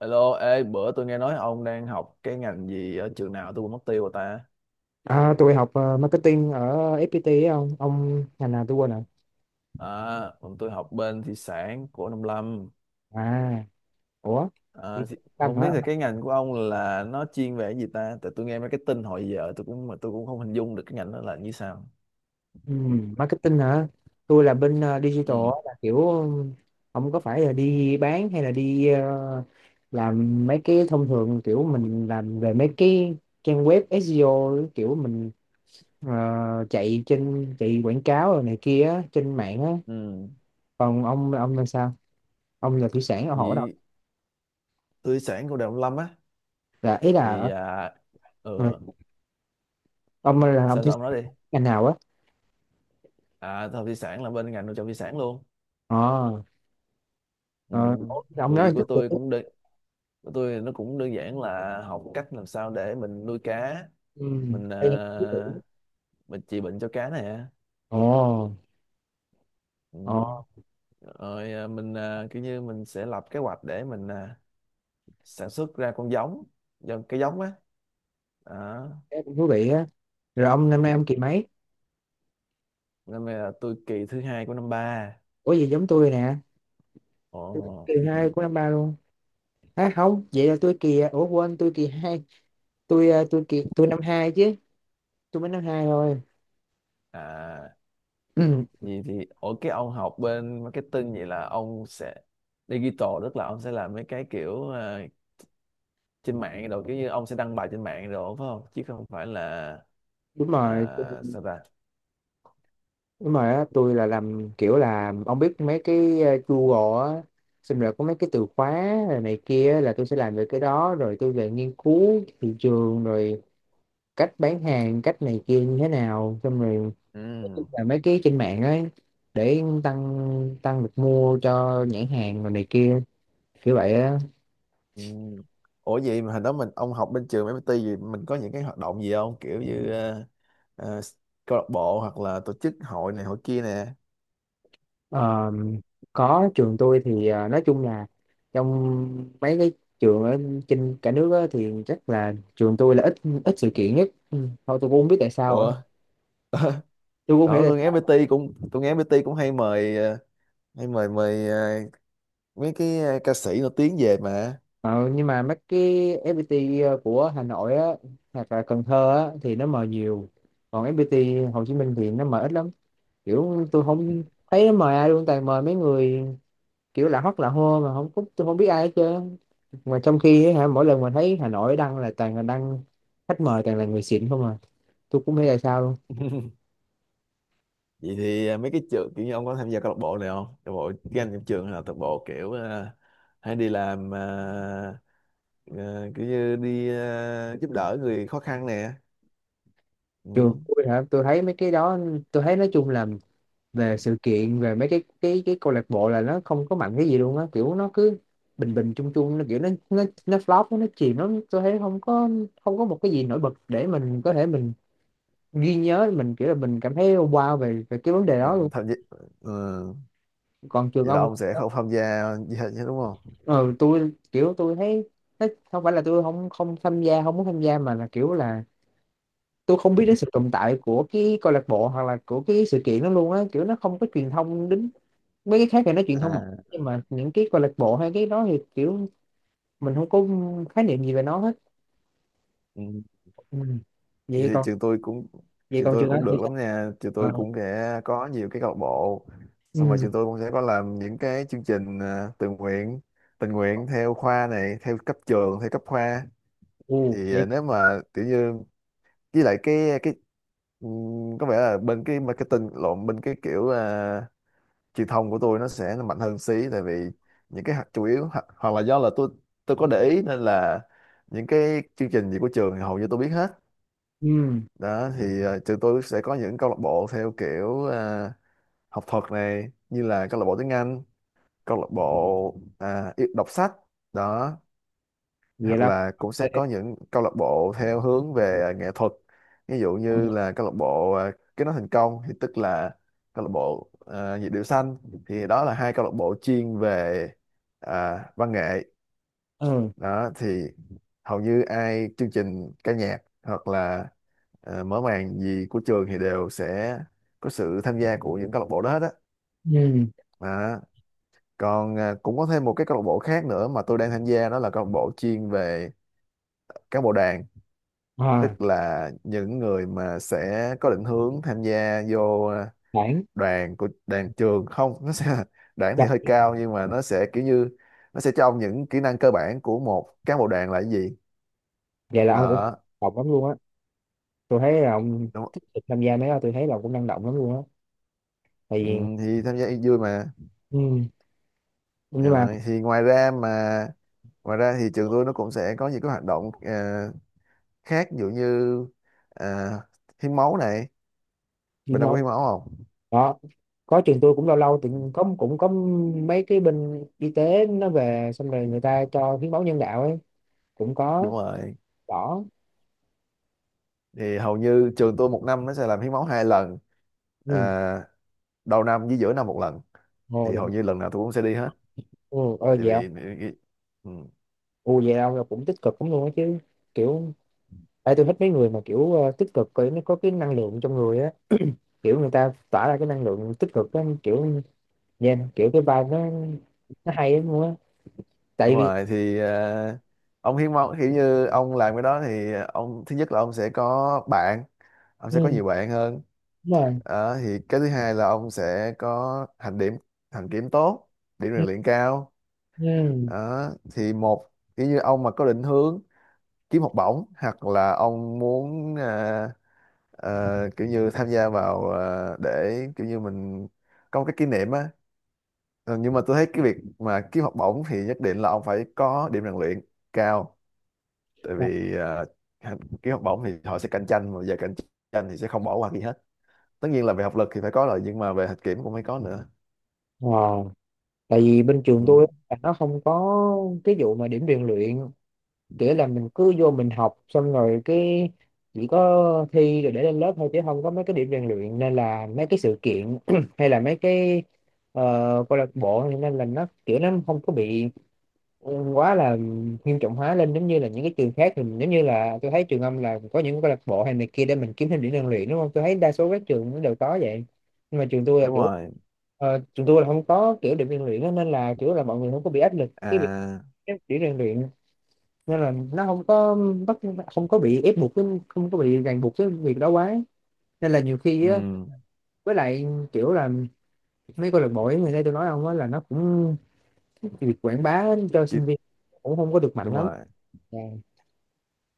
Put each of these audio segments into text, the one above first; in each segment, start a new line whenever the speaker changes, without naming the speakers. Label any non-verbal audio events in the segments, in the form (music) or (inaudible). Hello, ê, bữa tôi nghe nói ông đang học cái ngành gì ở trường nào tôi quên mất tiêu rồi ta.
À, tôi học marketing ở FPT ấy ông ngành nào tôi quên rồi.
À, còn tôi học bên thủy sản của Nông Lâm.
À, ủa, đi
À, thì
làm
không
hả?
biết là cái ngành của ông là nó chuyên về cái gì ta? Tại tôi nghe mấy cái tin hồi giờ tôi cũng không hình dung được cái ngành đó là như sao.
ừ, marketing hả? Tôi là bên digital á,
Ừ.
là kiểu, không có phải là đi bán hay là đi làm mấy cái thông thường, kiểu mình làm về mấy cái trang web SEO, kiểu mình chạy trên chạy quảng cáo rồi này kia á, trên mạng á.
Ừ,
Còn ông là sao? Ông là thủy sản ở hổ đâu?
thì tôi sản của Nông Lâm á,
Là ý là,
thì à, ừ,
ừ, ông là ông
sao
thủy
sao ông nói đi.
sản ngành nào á?
À, tôi học thị sản là bên ngành nuôi trồng thủy sản luôn.
ờ
Ừ,
ờ, ủa, ông
thì
nói chút tuổi.
của tôi nó cũng đơn giản là học cách làm sao để mình nuôi cá,
Ừ.
mình
Hay là chút tuổi.
mình trị bệnh cho cá nè.
Ồ. Ồ,
Ừ. Rồi mình kiểu như mình sẽ lập kế hoạch để mình sản xuất ra con giống, do cái giống á đó.
cái cũng thú vị á. Rồi ông năm nay ông kỳ mấy?
Năm nay là tôi kỳ thứ hai của năm ba.
Ủa gì giống tôi nè,
Ồ.
tôi cũng kỳ hai của năm ba luôn. À không, vậy là tôi kỳ, ủa quên, tôi kỳ hai. Tôi tôi kỳ, tôi năm hai chứ, tôi mới năm hai thôi.
À,
Ừ,
gì thì ở cái ông học bên marketing, vậy là ông sẽ digital, tức là ông sẽ làm mấy cái kiểu trên mạng, rồi kiểu như ông sẽ đăng bài trên mạng rồi, phải không? Chứ không phải là
đúng rồi,
sao ta?
đúng rồi á. Tôi là làm kiểu là, ông biết mấy cái Google á, xong rồi có mấy cái từ khóa rồi này kia á, là tôi sẽ làm về cái đó, rồi tôi về nghiên cứu thị trường, rồi cách bán hàng cách này kia như thế nào, xong rồi
Ừ.
là mấy cái trên mạng ấy, để tăng, được mua cho nhãn hàng rồi này kia, kiểu vậy á.
Ừ. Ủa vậy mà hồi đó ông học bên trường MIT gì, mình có những cái hoạt động gì không, kiểu như ờ, câu lạc bộ hoặc là tổ chức hội này hội kia nè?
Ờ, có, trường tôi thì nói chung là trong mấy cái trường ở trên cả nước á, thì chắc là trường tôi là ít, sự kiện nhất. Ừ, thôi tôi cũng không biết tại sao á.
Ủa.
Tôi cũng không hiểu
Đó,
tại
tôi nghe
sao.
MIT cũng tôi nghe MIT cũng hay mời hay mời mời mấy cái ca sĩ nổi tiếng về mà.
Ờ, nhưng mà mấy cái FPT của Hà Nội á, hoặc là Cần Thơ á, thì nó mời nhiều, còn FPT Hồ Chí Minh thì nó mời ít lắm, kiểu tôi không thấy mời ai luôn, toàn mời mấy người kiểu lạ hót lạ hô mà không có- tôi không biết ai hết trơn. Mà trong khi á hả, mỗi lần mà thấy Hà Nội đăng là toàn là đăng khách mời toàn là người xịn không à, tôi cũng không biết là sao luôn.
(laughs) Vậy thì mấy cái trường, kiểu như ông có tham gia câu lạc bộ này không, câu lạc bộ game trong trường, hay là câu lạc bộ kiểu hay đi làm kiểu như đi giúp đỡ người khó khăn nè?
Trường
Ừ.
tôi hả, tôi thấy mấy cái đó, tôi thấy nói chung là về sự kiện, về mấy cái câu lạc bộ là nó không có mạnh cái gì luôn á, kiểu nó cứ bình bình chung chung, nó kiểu nó flop, nó chìm lắm, tôi thấy không có, không có một cái gì nổi bật để mình có thể mình ghi nhớ, mình kiểu là mình cảm thấy wow về về cái vấn đề đó
Mình
luôn.
tham gia. Ừ,
Còn trường
vậy là
ông?
ông sẽ không tham gia gì hết chứ đúng không?
Ừ, tôi kiểu tôi thấy nó không phải là tôi không không tham gia, không muốn tham gia, mà là kiểu là tôi không biết đến sự tồn tại của cái câu lạc bộ hoặc là của cái sự kiện đó luôn á, kiểu nó không có truyền thông đến. Mấy cái khác thì nó truyền thông mạnh,
À.
nhưng mà những cái câu lạc bộ hay cái đó thì kiểu mình không có khái niệm gì về nó hết.
Ừ.
Ừ.
Vậy
Vậy
thì
còn,
trường tôi cũng
vậy
trường
còn
tôi
trường đó
cũng
thì
được
sao?
lắm nha, trường tôi
Ờ.
cũng sẽ có nhiều cái câu lạc bộ. Xong
Ừ.
rồi trường tôi cũng sẽ có làm những cái chương trình tình nguyện, tình nguyện theo khoa này, theo cấp trường, theo cấp khoa.
Ừ.
Thì
Vậy,
nếu mà kiểu như, với lại cái có vẻ là bên cái marketing, lộn, bên cái kiểu truyền thông của tôi nó sẽ mạnh hơn xí. Tại vì những cái chủ yếu hoặc là do là tôi có để ý nên là những cái chương trình gì của trường thì hầu như tôi biết hết.
ừ,
Đó. Ừ. Thì trường tôi sẽ có những câu lạc bộ theo kiểu học thuật này, như là câu lạc bộ tiếng Anh, câu lạc bộ đọc sách. Đó.
vậy
Hoặc
là
là cũng sẽ có những câu lạc bộ theo hướng về nghệ thuật, ví dụ như là câu lạc bộ Kết nối thành công, thì tức là câu lạc bộ nhịp điệu xanh. Thì đó là hai câu lạc bộ chuyên về văn nghệ.
ừ.
Đó thì hầu như ai chương trình ca nhạc hoặc là mở màn gì của trường thì đều sẽ có sự tham gia của những câu lạc bộ đó hết á.
Ừ.
Đó, còn cũng có thêm một cái câu lạc bộ khác nữa mà tôi đang tham gia, đó là câu lạc bộ chuyên về cán bộ đoàn,
À,
tức là những người mà sẽ có định hướng tham gia vô
khoảng,
đoàn của đoàn trường không, nó sẽ (laughs) đoàn
chắc
thì hơi cao nhưng mà nó sẽ kiểu như nó sẽ cho ông những kỹ năng cơ bản của một cán bộ đoàn là cái gì
vậy là ông cũng
đó,
học lắm luôn á, tôi thấy là ông
đúng không?
tích cực tham gia mấy đó, tôi thấy là cũng năng động lắm luôn á. Tại
Ừ,
vì,
thì tham gia vui mà.
ừ. Nhưng mà
Rồi thì ngoài ra thì trường tôi nó cũng sẽ có những cái hoạt động khác, ví dụ như à, hiến máu này,
chuyên
bên ông
môn
có hiến máu không?
đó, có, trường tôi cũng lâu lâu thì có, cũng có mấy cái bên y tế nó về, xong rồi người ta cho hiến máu nhân đạo ấy, cũng có.
Đúng rồi,
Đỏ.
thì hầu như trường tôi một năm nó sẽ làm hiến máu hai lần,
Ừ.
à, đầu năm với giữa năm một lần.
Ồ,
Thì hầu
định.
như lần nào tôi cũng sẽ đi hết,
Ừ, ờ
tại
vậy không.
vì ừ,
Ừ, vậy ông là cũng tích cực lắm luôn á chứ, kiểu, tại tôi thích mấy người mà kiểu tích cực, kiểu nó có cái năng lượng trong người á, kiểu người ta tỏa ra cái năng lượng tích cực á, kiểu yeah, kiểu cái vibe nó, hay lắm luôn á.
đúng
Tại vì,
rồi. Thì ông hiến máu, kiểu như ông làm cái đó thì ông, thứ nhất là ông sẽ có bạn, ông sẽ có
ừ,
nhiều bạn hơn.
đúng rồi.
Đó, thì cái thứ hai là ông sẽ có hành điểm, hành kiểm tốt, điểm rèn
Ừ,
luyện cao.
ừ,
Đó, thì một, kiểu như ông mà có định hướng kiếm học bổng hoặc là ông muốn kiểu như tham gia vào, để kiểu như mình có một cái kỷ niệm á. Ờ, nhưng mà tôi thấy cái việc mà kiếm học bổng thì nhất định là ông phải có điểm rèn luyện cao. Tại
dạ.
vì kiếm học bổng thì họ sẽ cạnh tranh, và giờ cạnh tranh thì sẽ không bỏ qua gì hết. Tất nhiên là về học lực thì phải có rồi, nhưng mà về hạnh kiểm cũng phải có nữa.
Ờ, tại vì bên trường
Ừ.
tôi á, nó không có cái vụ mà điểm rèn luyện, kiểu là mình cứ vô mình học xong rồi cái chỉ có thi rồi để lên lớp thôi, chứ không có mấy cái điểm rèn luyện, nên là mấy cái sự kiện (clears throat) hay là mấy cái ờ, câu lạc bộ nên là nó kiểu nó không có bị quá là nghiêm trọng hóa lên giống như là những cái trường khác thì mình- giống như là tôi thấy trường âm là có những câu lạc bộ hay này kia để mình kiếm thêm điểm rèn luyện, đúng không? Tôi thấy đa số các trường nó đều có vậy, nhưng mà trường tôi là
Đúng
kiểu,
rồi.
trường tôi là không có kiểu điểm rèn luyện đó, nên là kiểu là mọi người không có bị áp lực cái việc
À.
cái điểm rèn luyện, nên là nó không có bắt, không có bị ép buộc cái- không có bị ràng buộc cái việc đó quá, nên là nhiều khi á,
Ừ.
với lại kiểu là mấy câu lạc bộ ấy, người đây tôi nói ông á, là nó cũng việc quảng bá cho sinh
Chị-
viên cũng không có được mạnh
Đúng
lắm,
rồi,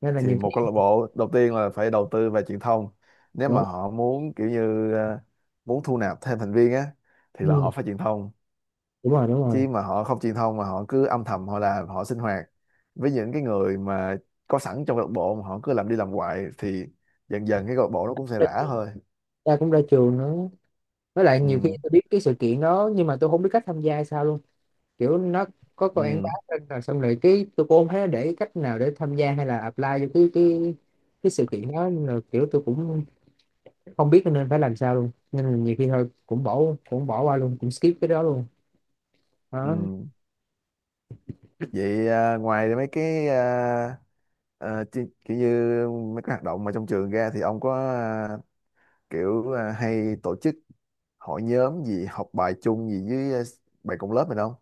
nên là
thì
nhiều
một câu
khi
lạc bộ đầu tiên là phải đầu tư về truyền thông, nếu mà
nó
họ muốn kiểu như muốn thu nạp thêm thành viên á thì là
ừ,
họ phải truyền thông.
đúng rồi, đúng rồi.
Chứ mà họ không truyền thông mà họ cứ âm thầm họ làm, họ sinh hoạt với những cái người mà có sẵn trong câu lạc bộ, mà họ cứ làm đi làm hoài thì dần dần cái câu lạc bộ nó cũng sẽ rã thôi.
Ta cũng ra trường nữa, với lại nhiều khi
Ừ.
tôi biết cái sự kiện đó nhưng mà tôi không biết cách tham gia hay sao luôn, kiểu nó có quảng bá
Ừ.
lên rồi, xong rồi cái tôi cũng không thấy nó để cách nào để tham gia hay là apply vô cái sự kiện đó, nên là kiểu tôi cũng không biết nên phải làm sao luôn, nên là nhiều khi thôi cũng bỏ, qua luôn, cũng skip cái đó luôn. Đó,
Ừ. Vậy ngoài mấy cái kiểu như mấy cái hoạt động mà trong trường ra, thì ông có kiểu hay tổ chức hội nhóm gì, học bài chung gì với bạn cùng lớp mình không?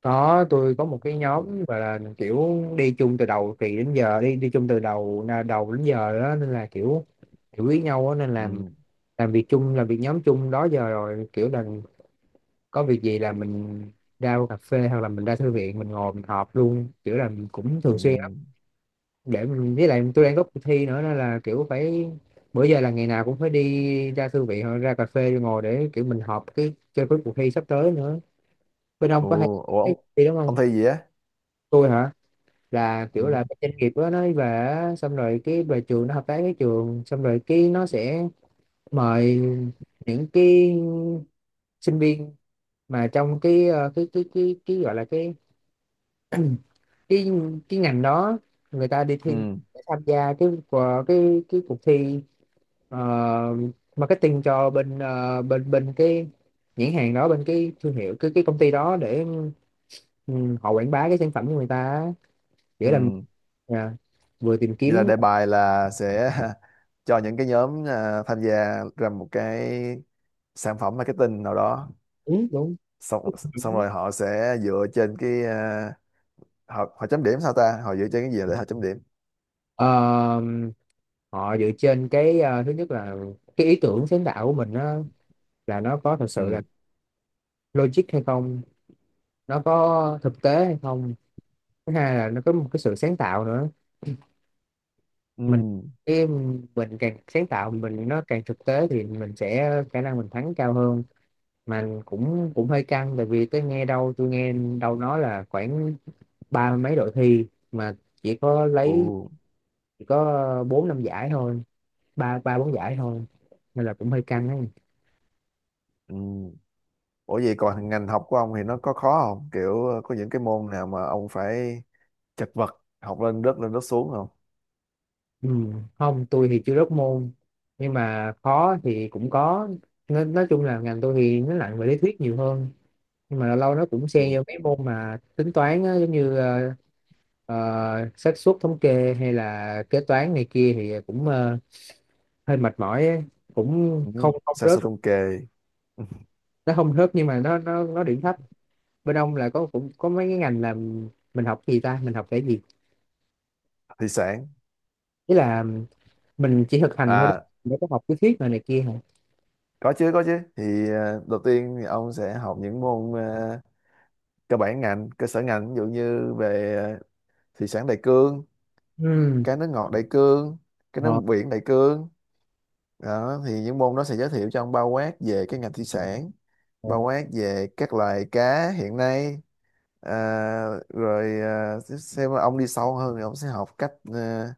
có, tôi có một cái nhóm gọi là kiểu đi chung từ đầu kỳ đến giờ, đi đi chung từ đầu đầu đến giờ đó, nên là kiểu hiểu ý nhau á, nên là
Ừ.
làm việc chung, làm việc nhóm chung đó giờ rồi, kiểu là có việc gì là mình ra cà phê hoặc là mình ra thư viện mình ngồi mình họp luôn, kiểu là mình cũng
Ừ.
thường xuyên lắm để mình, với lại tôi đang có cuộc thi nữa nên là kiểu phải, bữa giờ là ngày nào cũng phải đi ra thư viện hoặc ra cà phê ngồi để kiểu mình họp cái cho cái cuộc thi sắp tới nữa. Bên ông
Ồ.
có hay
Ủa,
cái
ông
gì đúng
ông
không?
thi gì á?
Tôi hả? Là kiểu
Ừ.
là cái doanh nghiệp đó nó về á, xong rồi cái về trường nó hợp tác với trường, xong rồi cái nó sẽ mời những cái sinh viên mà trong cái gọi là cái cái ngành đó, người ta đi thi
Ừ.
để tham gia cái của cái cuộc thi ờ, marketing cho bên ờ, bên bên cái nhãn hàng đó, bên cái thương hiệu, cái công ty đó để, ừ, họ quảng bá cái sản phẩm của người ta á. Nghĩa là,
Ừ.
à, vừa tìm
Vậy là
kiếm,
đề bài là sẽ (laughs) cho những cái nhóm tham gia ra một cái sản phẩm marketing nào đó.
đúng đúng,
Xong xong
đúng.
rồi họ sẽ dựa trên cái họ họ chấm điểm sao ta, họ dựa trên cái gì để họ chấm điểm?
Ờ, họ dựa trên cái thứ nhất là cái ý tưởng sáng tạo của mình á, là nó có thật sự là
Ừ.
logic hay không, nó có thực tế hay không, thứ hai là nó có một cái sự sáng tạo nữa,
Ừ.
mình cái mình càng sáng tạo, mình nó càng thực tế thì mình sẽ khả năng mình thắng cao hơn. Mà cũng, hơi căng tại vì tôi nghe đâu, nói là khoảng ba mấy đội thi mà chỉ có
Ừ.
lấy, chỉ có bốn năm giải thôi, ba ba bốn giải thôi, nên là cũng hơi căng ấy.
Ừ. Ủa vậy còn ngành học của ông thì nó có khó không, kiểu có những cái môn nào mà ông phải chật vật, học lên rớt xuống không?
Ừ. Không, tôi thì chưa rớt môn, nhưng mà khó thì cũng có. Nói chung là ngành tôi thì nó nặng về lý thuyết nhiều hơn, nhưng mà lâu lâu nó cũng xen
Ừ.
vô mấy môn mà tính toán á, giống như ờ, xác suất thống kê hay là kế toán này kia thì cũng hơi mệt mỏi á. Cũng
Ừ.
không, không
Sản
rớt,
xuất thống kê
nó không rớt nhưng mà nó điểm thấp. Bên ông là có, cũng có mấy cái ngành là mình học gì ta, mình học cái gì?
thủy sản.
Ý là mình chỉ thực hành thôi đúng
À,
không? Mình có học lý thuyết rồi này kia hả?
có chứ, có chứ, thì đầu tiên thì ông sẽ học những môn cơ bản ngành, cơ sở ngành, ví dụ như về thủy sản đại cương,
Ừ.
cá nước ngọt đại cương, cá nước
ờ,
biển đại cương. Đó thì những môn đó sẽ giới thiệu cho ông bao quát về cái ngành thủy sản,
ờ,
bao quát về các loài cá hiện nay. Rồi xem là ông đi sâu hơn thì ông sẽ học cách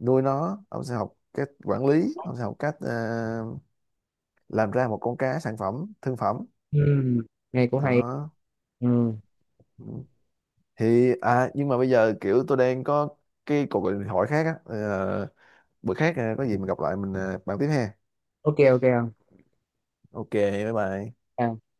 nuôi nó, ông sẽ học cách quản lý, ông sẽ học cách làm ra một con cá sản phẩm thương phẩm.
ừ, nghe cũng hay.
Đó
Ừ.
thì nhưng mà bây giờ kiểu tôi đang có cái cuộc gọi điện thoại khác á. Ờ, bữa khác có gì mình gặp lại, mình bàn tiếp ha.
Ok, ok.
OK, bye bye.
Không.